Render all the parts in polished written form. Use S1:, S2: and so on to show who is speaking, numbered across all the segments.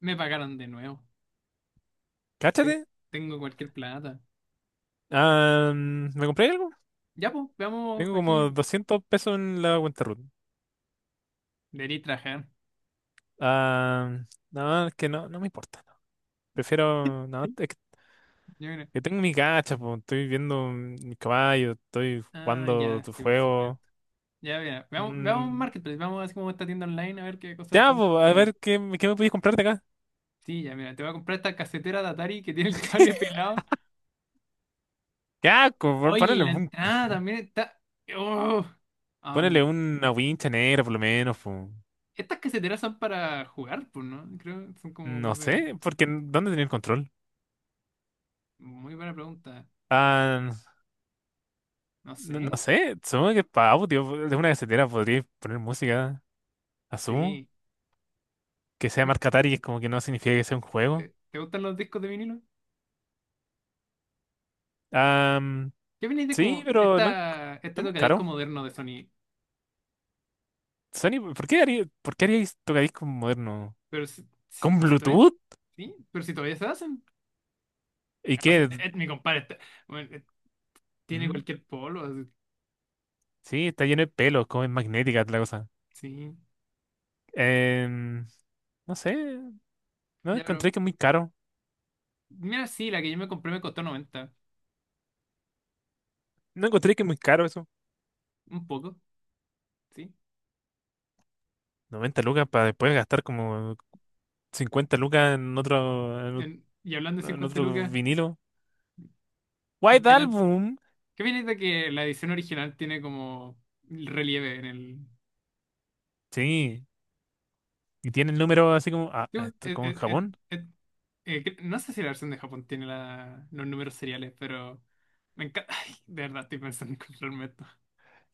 S1: Me pagaron de nuevo.
S2: Cáchate.
S1: Tengo cualquier plata.
S2: Ah, ¿me compré algo?
S1: Ya, pues, veamos
S2: Tengo
S1: aquí.
S2: como 200 pesos en la cuenta Ruth.
S1: Debería trabajar.
S2: Ah, no, es que no, no me importa. No. Prefiero. No, es
S1: Yo creo.
S2: que tengo mi gacha, po. Estoy viendo mi caballo, estoy
S1: Ah,
S2: jugando
S1: ya,
S2: tu
S1: sí, por supuesto.
S2: juego.
S1: Ya, mira, veamos,
S2: Mm,
S1: Marketplace. Veamos así como esta tienda online a ver qué cosas
S2: ya,
S1: podemos
S2: po, a
S1: comprarnos.
S2: ver qué, qué me podéis comprar de acá.
S1: Sí, ya, mira, te voy a comprar esta casetera de Atari que tiene el cable pelado.
S2: Ya,
S1: Oye, y la entrada también está. ¡Oh!
S2: ponele
S1: Am,
S2: una wincha negra por lo menos, po.
S1: Estas caseteras son para jugar, pues, ¿no? Creo que son como
S2: No
S1: cosas de.
S2: sé, porque ¿dónde tenía el control?
S1: Muy buena pregunta.
S2: Ah,
S1: No
S2: no,
S1: sé.
S2: no sé, supongo que para audio, de una casetera podría poner música. Asumo
S1: Sí.
S2: que sea
S1: Creo-
S2: marca Atari es como que no significa que sea un juego.
S1: ¿te gustan los discos de vinilo?
S2: Am,
S1: ¿Qué opináis de
S2: sí,
S1: como
S2: pero no, no
S1: este
S2: es muy
S1: tocadisco
S2: caro.
S1: moderno de Sony?
S2: Sony, por qué haríais tocadiscos moderno? ¿Con
S1: Pero si todavía,
S2: Bluetooth?
S1: ¿sí? Pero si todavía se hacen.
S2: ¿Y
S1: O sea,
S2: qué?
S1: mi bueno, tiene
S2: ¿Mm?
S1: cualquier polo, así.
S2: Sí, está lleno de pelos, como es magnética la cosa.
S1: Sí.
S2: Em, no sé, no
S1: Ya, pero
S2: encontré que es muy caro.
S1: mira, sí, la que yo me compré me costó 90.
S2: No encontré que es muy caro eso.
S1: Un poco, sí.
S2: 90 lucas para después gastar como 50 lucas en otro,
S1: Y hablando de
S2: en
S1: 50
S2: otro
S1: lucas,
S2: vinilo. White
S1: voy a dar-
S2: Album.
S1: ¿qué opináis de que la edición original tiene como relieve en el,
S2: Sí, y tiene el número así como,
S1: digo,
S2: esto como en Japón.
S1: eh, no sé si la versión de Japón tiene los números seriales? Pero me encanta. Ay, de verdad estoy pensando en comprarme esto.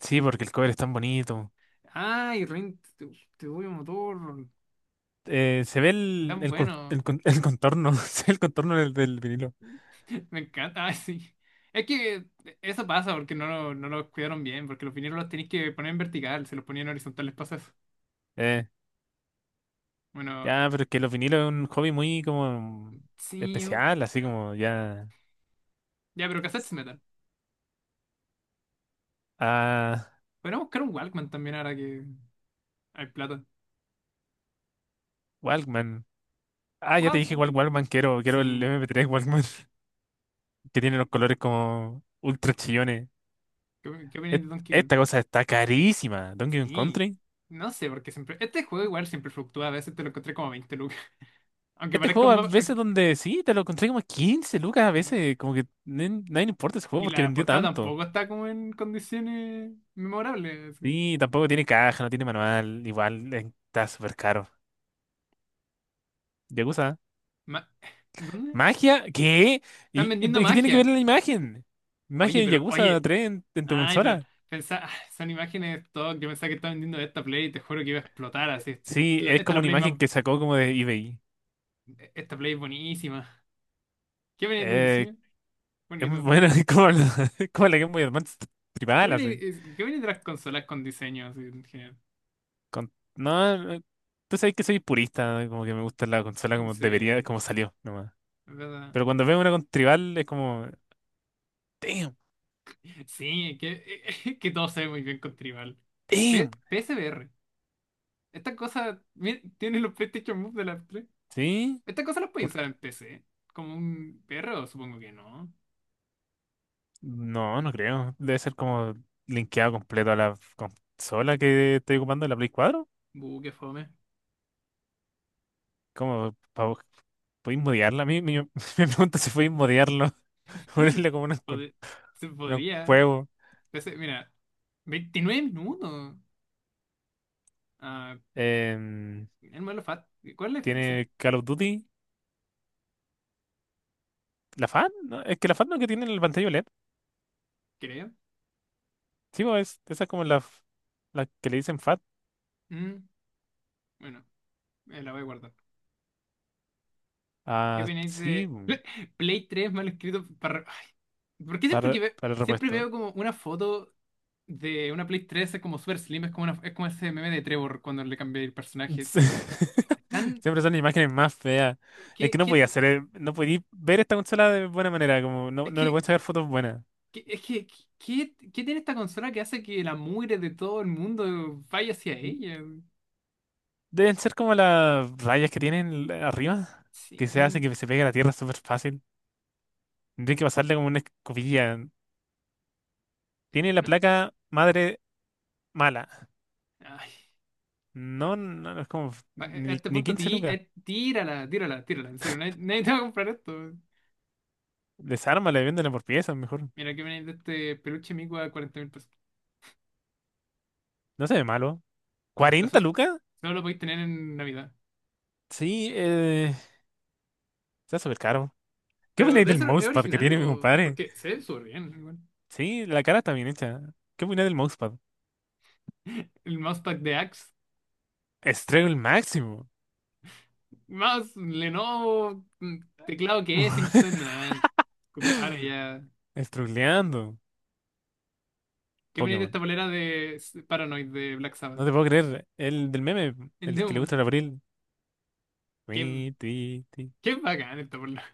S2: Sí, porque el cover es tan bonito.
S1: Ay, Rin, tu Bulbo motor,
S2: Se ve el,
S1: tan bueno.
S2: el contorno, se ve el contorno del vinilo.
S1: Me encanta, ay, sí. Es que eso pasa porque no los cuidaron bien, porque los vinilos los tenéis que poner en vertical, se los ponían horizontales, pasa eso.
S2: Eh,
S1: Bueno,
S2: ya, pero es que los vinilos es un hobby muy como
S1: sí.
S2: especial, así como ya.
S1: Ya, pero cassettes metal.
S2: Ah,
S1: Podríamos buscar un Walkman también ahora que hay plata.
S2: Walkman. Ah, ya te dije
S1: Walkman.
S2: cuál Walkman quiero, quiero el
S1: Sí.
S2: MP3 Walkman, que tiene los colores como ultra chillones.
S1: ¿Qué, opináis
S2: Et-
S1: de Donkey Kong?
S2: Esta cosa está carísima, Donkey Kong
S1: Sí,
S2: Country.
S1: no sé, porque siempre. Este juego igual siempre fluctúa, a veces te lo encontré como a 20 lucas. Aunque
S2: Este
S1: parezca
S2: juego
S1: un
S2: a
S1: mapa.
S2: veces
S1: Aunque-
S2: donde sí, te lo encontré como 15 lucas, a
S1: Sí.
S2: veces como que nadie le importa ese juego
S1: Y
S2: porque
S1: la
S2: vendió
S1: portada
S2: tanto.
S1: tampoco está como en condiciones memorables, así.
S2: Sí, tampoco tiene caja, no tiene manual. Igual está súper caro. Yakuza.
S1: Ma- ¿Dónde?
S2: ¿Magia? ¿Qué?
S1: Están vendiendo
S2: Qué tiene que ver
S1: magia.
S2: la imagen? ¿Magia
S1: Oye,
S2: de
S1: pero,
S2: Yakuza
S1: oye.
S2: 3 en tu
S1: Ay, pero.
S2: consola?
S1: Pensá, ah, son imágenes de stock. Yo pensaba que estaba vendiendo esta Play y te juro que iba a explotar así.
S2: Sí,
S1: Esta
S2: es
S1: es
S2: como
S1: la
S2: una
S1: Play más.
S2: imagen que sacó como de eBay.
S1: Esta Play es buenísima. ¿Qué viene del
S2: Eh,
S1: diseño?
S2: es muy
S1: Bonito.
S2: buena, es como la Game Boy Advance
S1: ¿Qué
S2: tribal,
S1: viene,
S2: así.
S1: qué viene de las consolas con diseño así en general?
S2: No, tú sabes que soy purista, como que me gusta la consola como debería,
S1: Dice.
S2: como salió, nomás.
S1: ¿Verdad?
S2: Pero cuando veo una con tribal es como, damn,
S1: Sí, que, que todos saben muy bien con Tribal.
S2: damn,
S1: PSVR. Esta cosa mira, tiene los PlayStation Move de las 3.
S2: ¿sí?
S1: Esta cosa las puede usar en PC. Como un perro, supongo que no.
S2: No, no creo. Debe ser como linkeado completo a la consola que estoy ocupando, la Play 4.
S1: Buh, qué fome.
S2: ¿Cómo? ¿Podéis modearla? A mí me, me pregunto si podéis modearlo. Ponerle como
S1: Pod- Se
S2: unos
S1: podría.
S2: juegos.
S1: PC, mira, 29 minutos. Ah,
S2: Em,
S1: el modelo FAT. ¿Cuál es la diferencia?
S2: ¿Tiene Call of Duty? ¿La FAT? No, es que la FAT no es que tiene en la pantalla OLED.
S1: Creo.
S2: Sí, bo, esa es como la, la que le dicen FAT.
S1: Mm, bueno, la voy a guardar. ¿Qué
S2: Ah,
S1: opináis
S2: sí,
S1: de
S2: bo,
S1: Play 3 mal escrito para... Ay, ¿por qué siempre
S2: para,
S1: que
S2: para el
S1: siempre
S2: repuesto.
S1: veo como una foto de una Play 3 es como super slim, es como, es como ese meme de Trevor cuando le cambié el personaje?
S2: Sí.
S1: Están,
S2: Siempre son imágenes más feas. Es que
S1: ¿Qué,
S2: no podía ver esta consola de buena manera, como no,
S1: es
S2: no le
S1: que,
S2: pueden sacar fotos buenas.
S1: qué- es que, qué tiene esta consola que hace que la mugre de todo el mundo vaya hacia ella?
S2: Deben ser como las rayas que tienen arriba, que se hace
S1: Sí.
S2: que se pegue a la tierra súper fácil. Tendría que pasarle como una escobilla. Tiene la
S1: No,
S2: placa madre mala.
S1: ay, pero
S2: No, no, no es como
S1: a
S2: ni,
S1: este
S2: ni
S1: punto
S2: 15
S1: ti-
S2: lucas.
S1: eh, tírala, tírala, tírala. En serio, nadie, nadie te va a comprar esto.
S2: Desármala y véndela por piezas, mejor.
S1: Mira que viene de este peluche mico a $40.000.
S2: No se ve malo.
S1: Pero
S2: cuarenta
S1: so-
S2: lucas?
S1: solo lo podéis tener en Navidad.
S2: Sí, está súper caro. ¿Qué
S1: Pero
S2: opináis
S1: debe
S2: del
S1: ser, ¿es
S2: mousepad que
S1: original
S2: tiene mi
S1: o...?
S2: compadre?
S1: Porque se ve súper bien, igual.
S2: Sí, la cara está bien hecha. ¿Qué opinas del mousepad?
S1: El mousepad de Axe.
S2: Estrego el máximo.
S1: Más Lenovo, mm, teclado que Kensington, nada, compadre, ya.
S2: Estruleando.
S1: Qué bonita
S2: Pokémon.
S1: esta polera de Paranoid de Black Sabbath.
S2: No te puedo creer. El del meme,
S1: El
S2: el que le gusta
S1: Demon.
S2: el abril.
S1: Qué,
S2: Tui, tui, tui.
S1: qué bacán esta polera.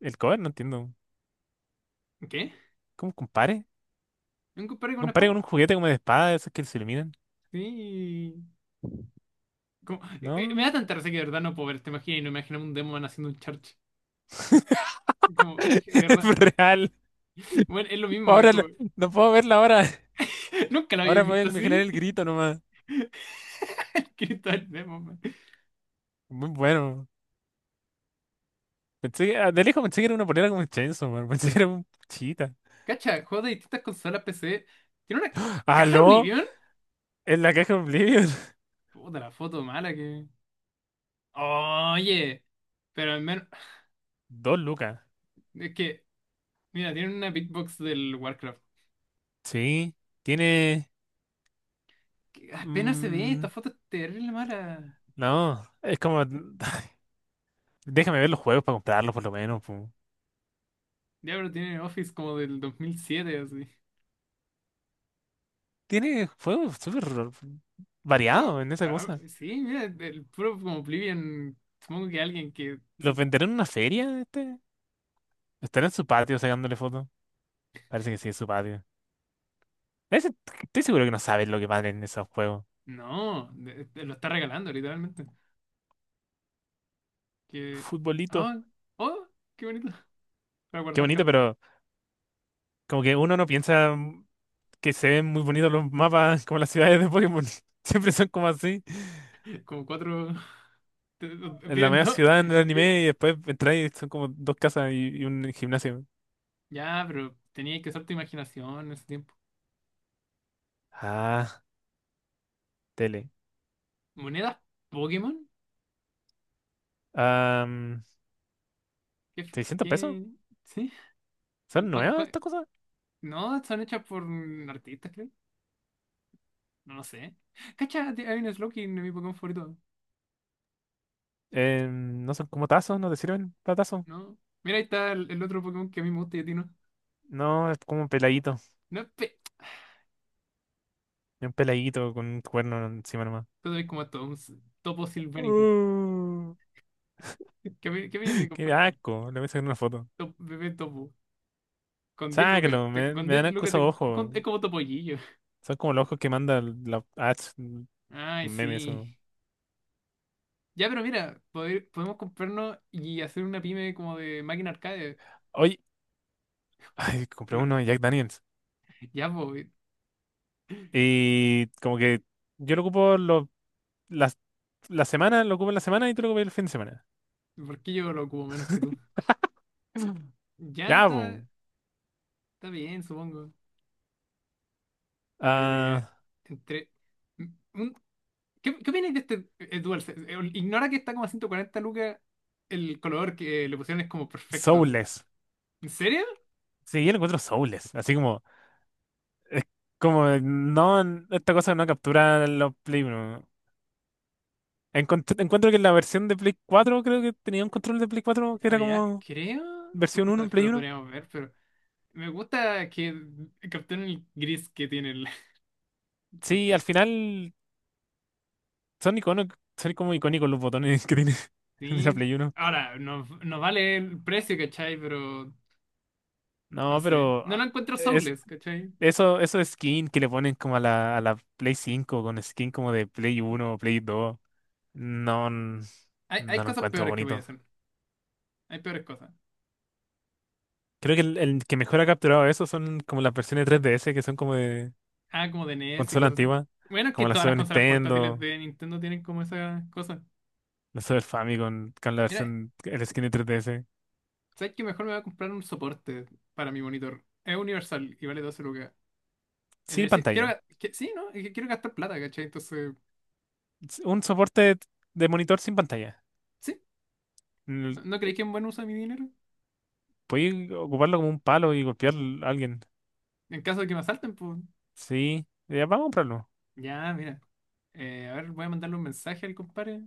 S2: El cover, no entiendo.
S1: ¿Qué?
S2: ¿Cómo compare?
S1: ¿Un compadre con una
S2: Compare
S1: espada?
S2: con un juguete como de espada, de esos que se iluminan.
S1: Sí. Me
S2: No.
S1: da tanta risa que de verdad no puedo ver esta imagen y no imagino un Demon haciendo un charge. Es como, de
S2: Es
S1: verdad.
S2: real.
S1: Bueno, es lo mismo,
S2: Ahora no puedo verla ahora.
S1: nunca lo había
S2: Ahora me voy a
S1: visto
S2: imaginar
S1: así.
S2: el grito nomás.
S1: Cristo el Demon, man.
S2: Muy bueno. Pensé que, de lejos pensé que era una polera como Chainsaw Man. Pensé que era un chita.
S1: Cacha, juegos de distintas consolas PC. ¿Tiene una caja
S2: ¿Aló?
S1: Oblivion?
S2: En la caja de Oblivion.
S1: Puta, la foto mala. Oye, pero al menos
S2: Dos lucas.
S1: es que, mira, tienen una beatbox del Warcraft,
S2: Sí, tiene...
S1: que apenas se ve, esta
S2: mm,
S1: foto es terrible mala.
S2: no, es como... Déjame ver los juegos para comprarlos por lo menos, pu.
S1: Diablo tiene Office como del 2007, así.
S2: Tiene juegos súper
S1: Oye,
S2: variados en esa cosa.
S1: sí, mira, el puro como Oblivion. Supongo que alguien que.
S2: ¿Los
S1: Sí,
S2: venderán en una feria este? ¿Estará en su patio sacándole fotos? Parece que sí, es su patio. Ese- Estoy seguro que no saben lo que valen esos juegos.
S1: no, lo está regalando, literalmente. Que.
S2: Futbolito.
S1: ¡Ah! ¡Oh! ¡Qué bonito! Para
S2: Qué
S1: guardar
S2: bonito,
S1: cartas.
S2: pero como que uno no piensa que se ven muy bonitos los mapas como las ciudades de Pokémon. Siempre son como así.
S1: Como cuatro.
S2: En la
S1: Viven
S2: media
S1: dos.
S2: ciudad en el anime y después entráis y son como dos casas y un gimnasio.
S1: Ya, pero tenía que usar tu imaginación en ese tiempo.
S2: Ah, tele.
S1: ¿Monedas Pokémon?
S2: Am,
S1: ¿Qué,
S2: ¿600 pesos?
S1: sí?
S2: ¿Son
S1: ¿Cuál-
S2: nuevas
S1: cuál-
S2: estas cosas?
S1: No, están hechas por artistas, creo. No lo sé. Cacha, hay un Slowking en mi Pokémon favorito.
S2: No son como tazos, no te sirven para tazos.
S1: No. Mira, ahí está el otro Pokémon que a mí me gusta y a ti no.
S2: No, es como un peladito.
S1: No, es pe...
S2: Es un peladito con un cuerno encima nomás.
S1: Tú sabes como todo topo silvánico.
S2: Uh,
S1: ¿Qué, qué viene de
S2: Qué
S1: comprar?
S2: asco, le voy a sacar una foto.
S1: Bebé topo. Con 10 lucas
S2: Sácalo, me,
S1: con
S2: me
S1: 10
S2: dan asco
S1: lucas te
S2: esos ojos.
S1: es como topollillo.
S2: Son como los ojos que manda la ads, los
S1: Ay,
S2: memes
S1: sí.
S2: o.
S1: Ya, pero mira, podemos comprarnos y hacer una pyme como de máquina arcade.
S2: Oye, ay, compré
S1: No,
S2: uno de Jack Daniels.
S1: ya, pues,
S2: Y como que yo lo ocupo la, la semana, lo ocupas la semana y tú lo ocupas el fin de semana.
S1: ¿por qué yo lo ocupo menos que tú?
S2: Mm.
S1: Ya
S2: Ya, pues.
S1: está, está bien, supongo. A ver,
S2: ah,
S1: entre... m- un- ¿qué, opináis de este DualSense? Ignora que está como a 140 lucas. El color que le pusieron es como perfecto, así.
S2: Soulless.
S1: ¿En serio?
S2: Sí, yo lo encuentro soulless. Así como, es como, no, esta cosa no captura los Play uno. Encuentro que la versión de Play 4 creo que tenía un control de Play 4 que era
S1: Había,
S2: como
S1: creo.
S2: versión
S1: Bueno,
S2: uno en
S1: después
S2: Play
S1: lo
S2: uno.
S1: podríamos ver, pero me gusta que capturen el gris que tiene el
S2: Sí,
S1: control.
S2: al final son iconos, son como icónicos los botones que tiene de la
S1: Sí.
S2: Play uno.
S1: Ahora, nos vale el precio, ¿cachai? Pero no
S2: No,
S1: sé.
S2: pero
S1: No lo encuentro
S2: es
S1: soulless, ¿cachai?
S2: eso skin que le ponen como a la Play 5 con skin como de Play uno o Play dos, no, n- no
S1: Hay
S2: lo
S1: cosas
S2: encuentro
S1: peores que voy a
S2: bonito.
S1: hacer. Hay peores cosas.
S2: Creo que el que mejor ha capturado eso son como las versiones 3DS que son como de
S1: Ah, como de NES y
S2: consola
S1: cosas así.
S2: antigua,
S1: Bueno, es que
S2: como la
S1: todas las
S2: Super
S1: consolas portátiles
S2: Nintendo,
S1: de Nintendo tienen como esas cosas.
S2: la Super Famicom con la
S1: Mira,
S2: versión, el skin de 3DS,
S1: ¿sabes qué? Mejor me voy a comprar un soporte para mi monitor. Es universal y vale 12 lucas. En
S2: sin
S1: el
S2: pantalla.
S1: sí, ¿no? Es que quiero gastar plata, ¿cachai? Entonces,
S2: Un soporte de monitor sin pantalla.
S1: sí.
S2: L-
S1: ¿No, no creéis que es un buen uso de mi dinero?
S2: Podéis ocuparlo como un palo y golpear a alguien.
S1: En caso de que me asalten, pues.
S2: Sí, ya vamos a comprarlo.
S1: Ya, mira. A ver, voy a mandarle un mensaje al compadre.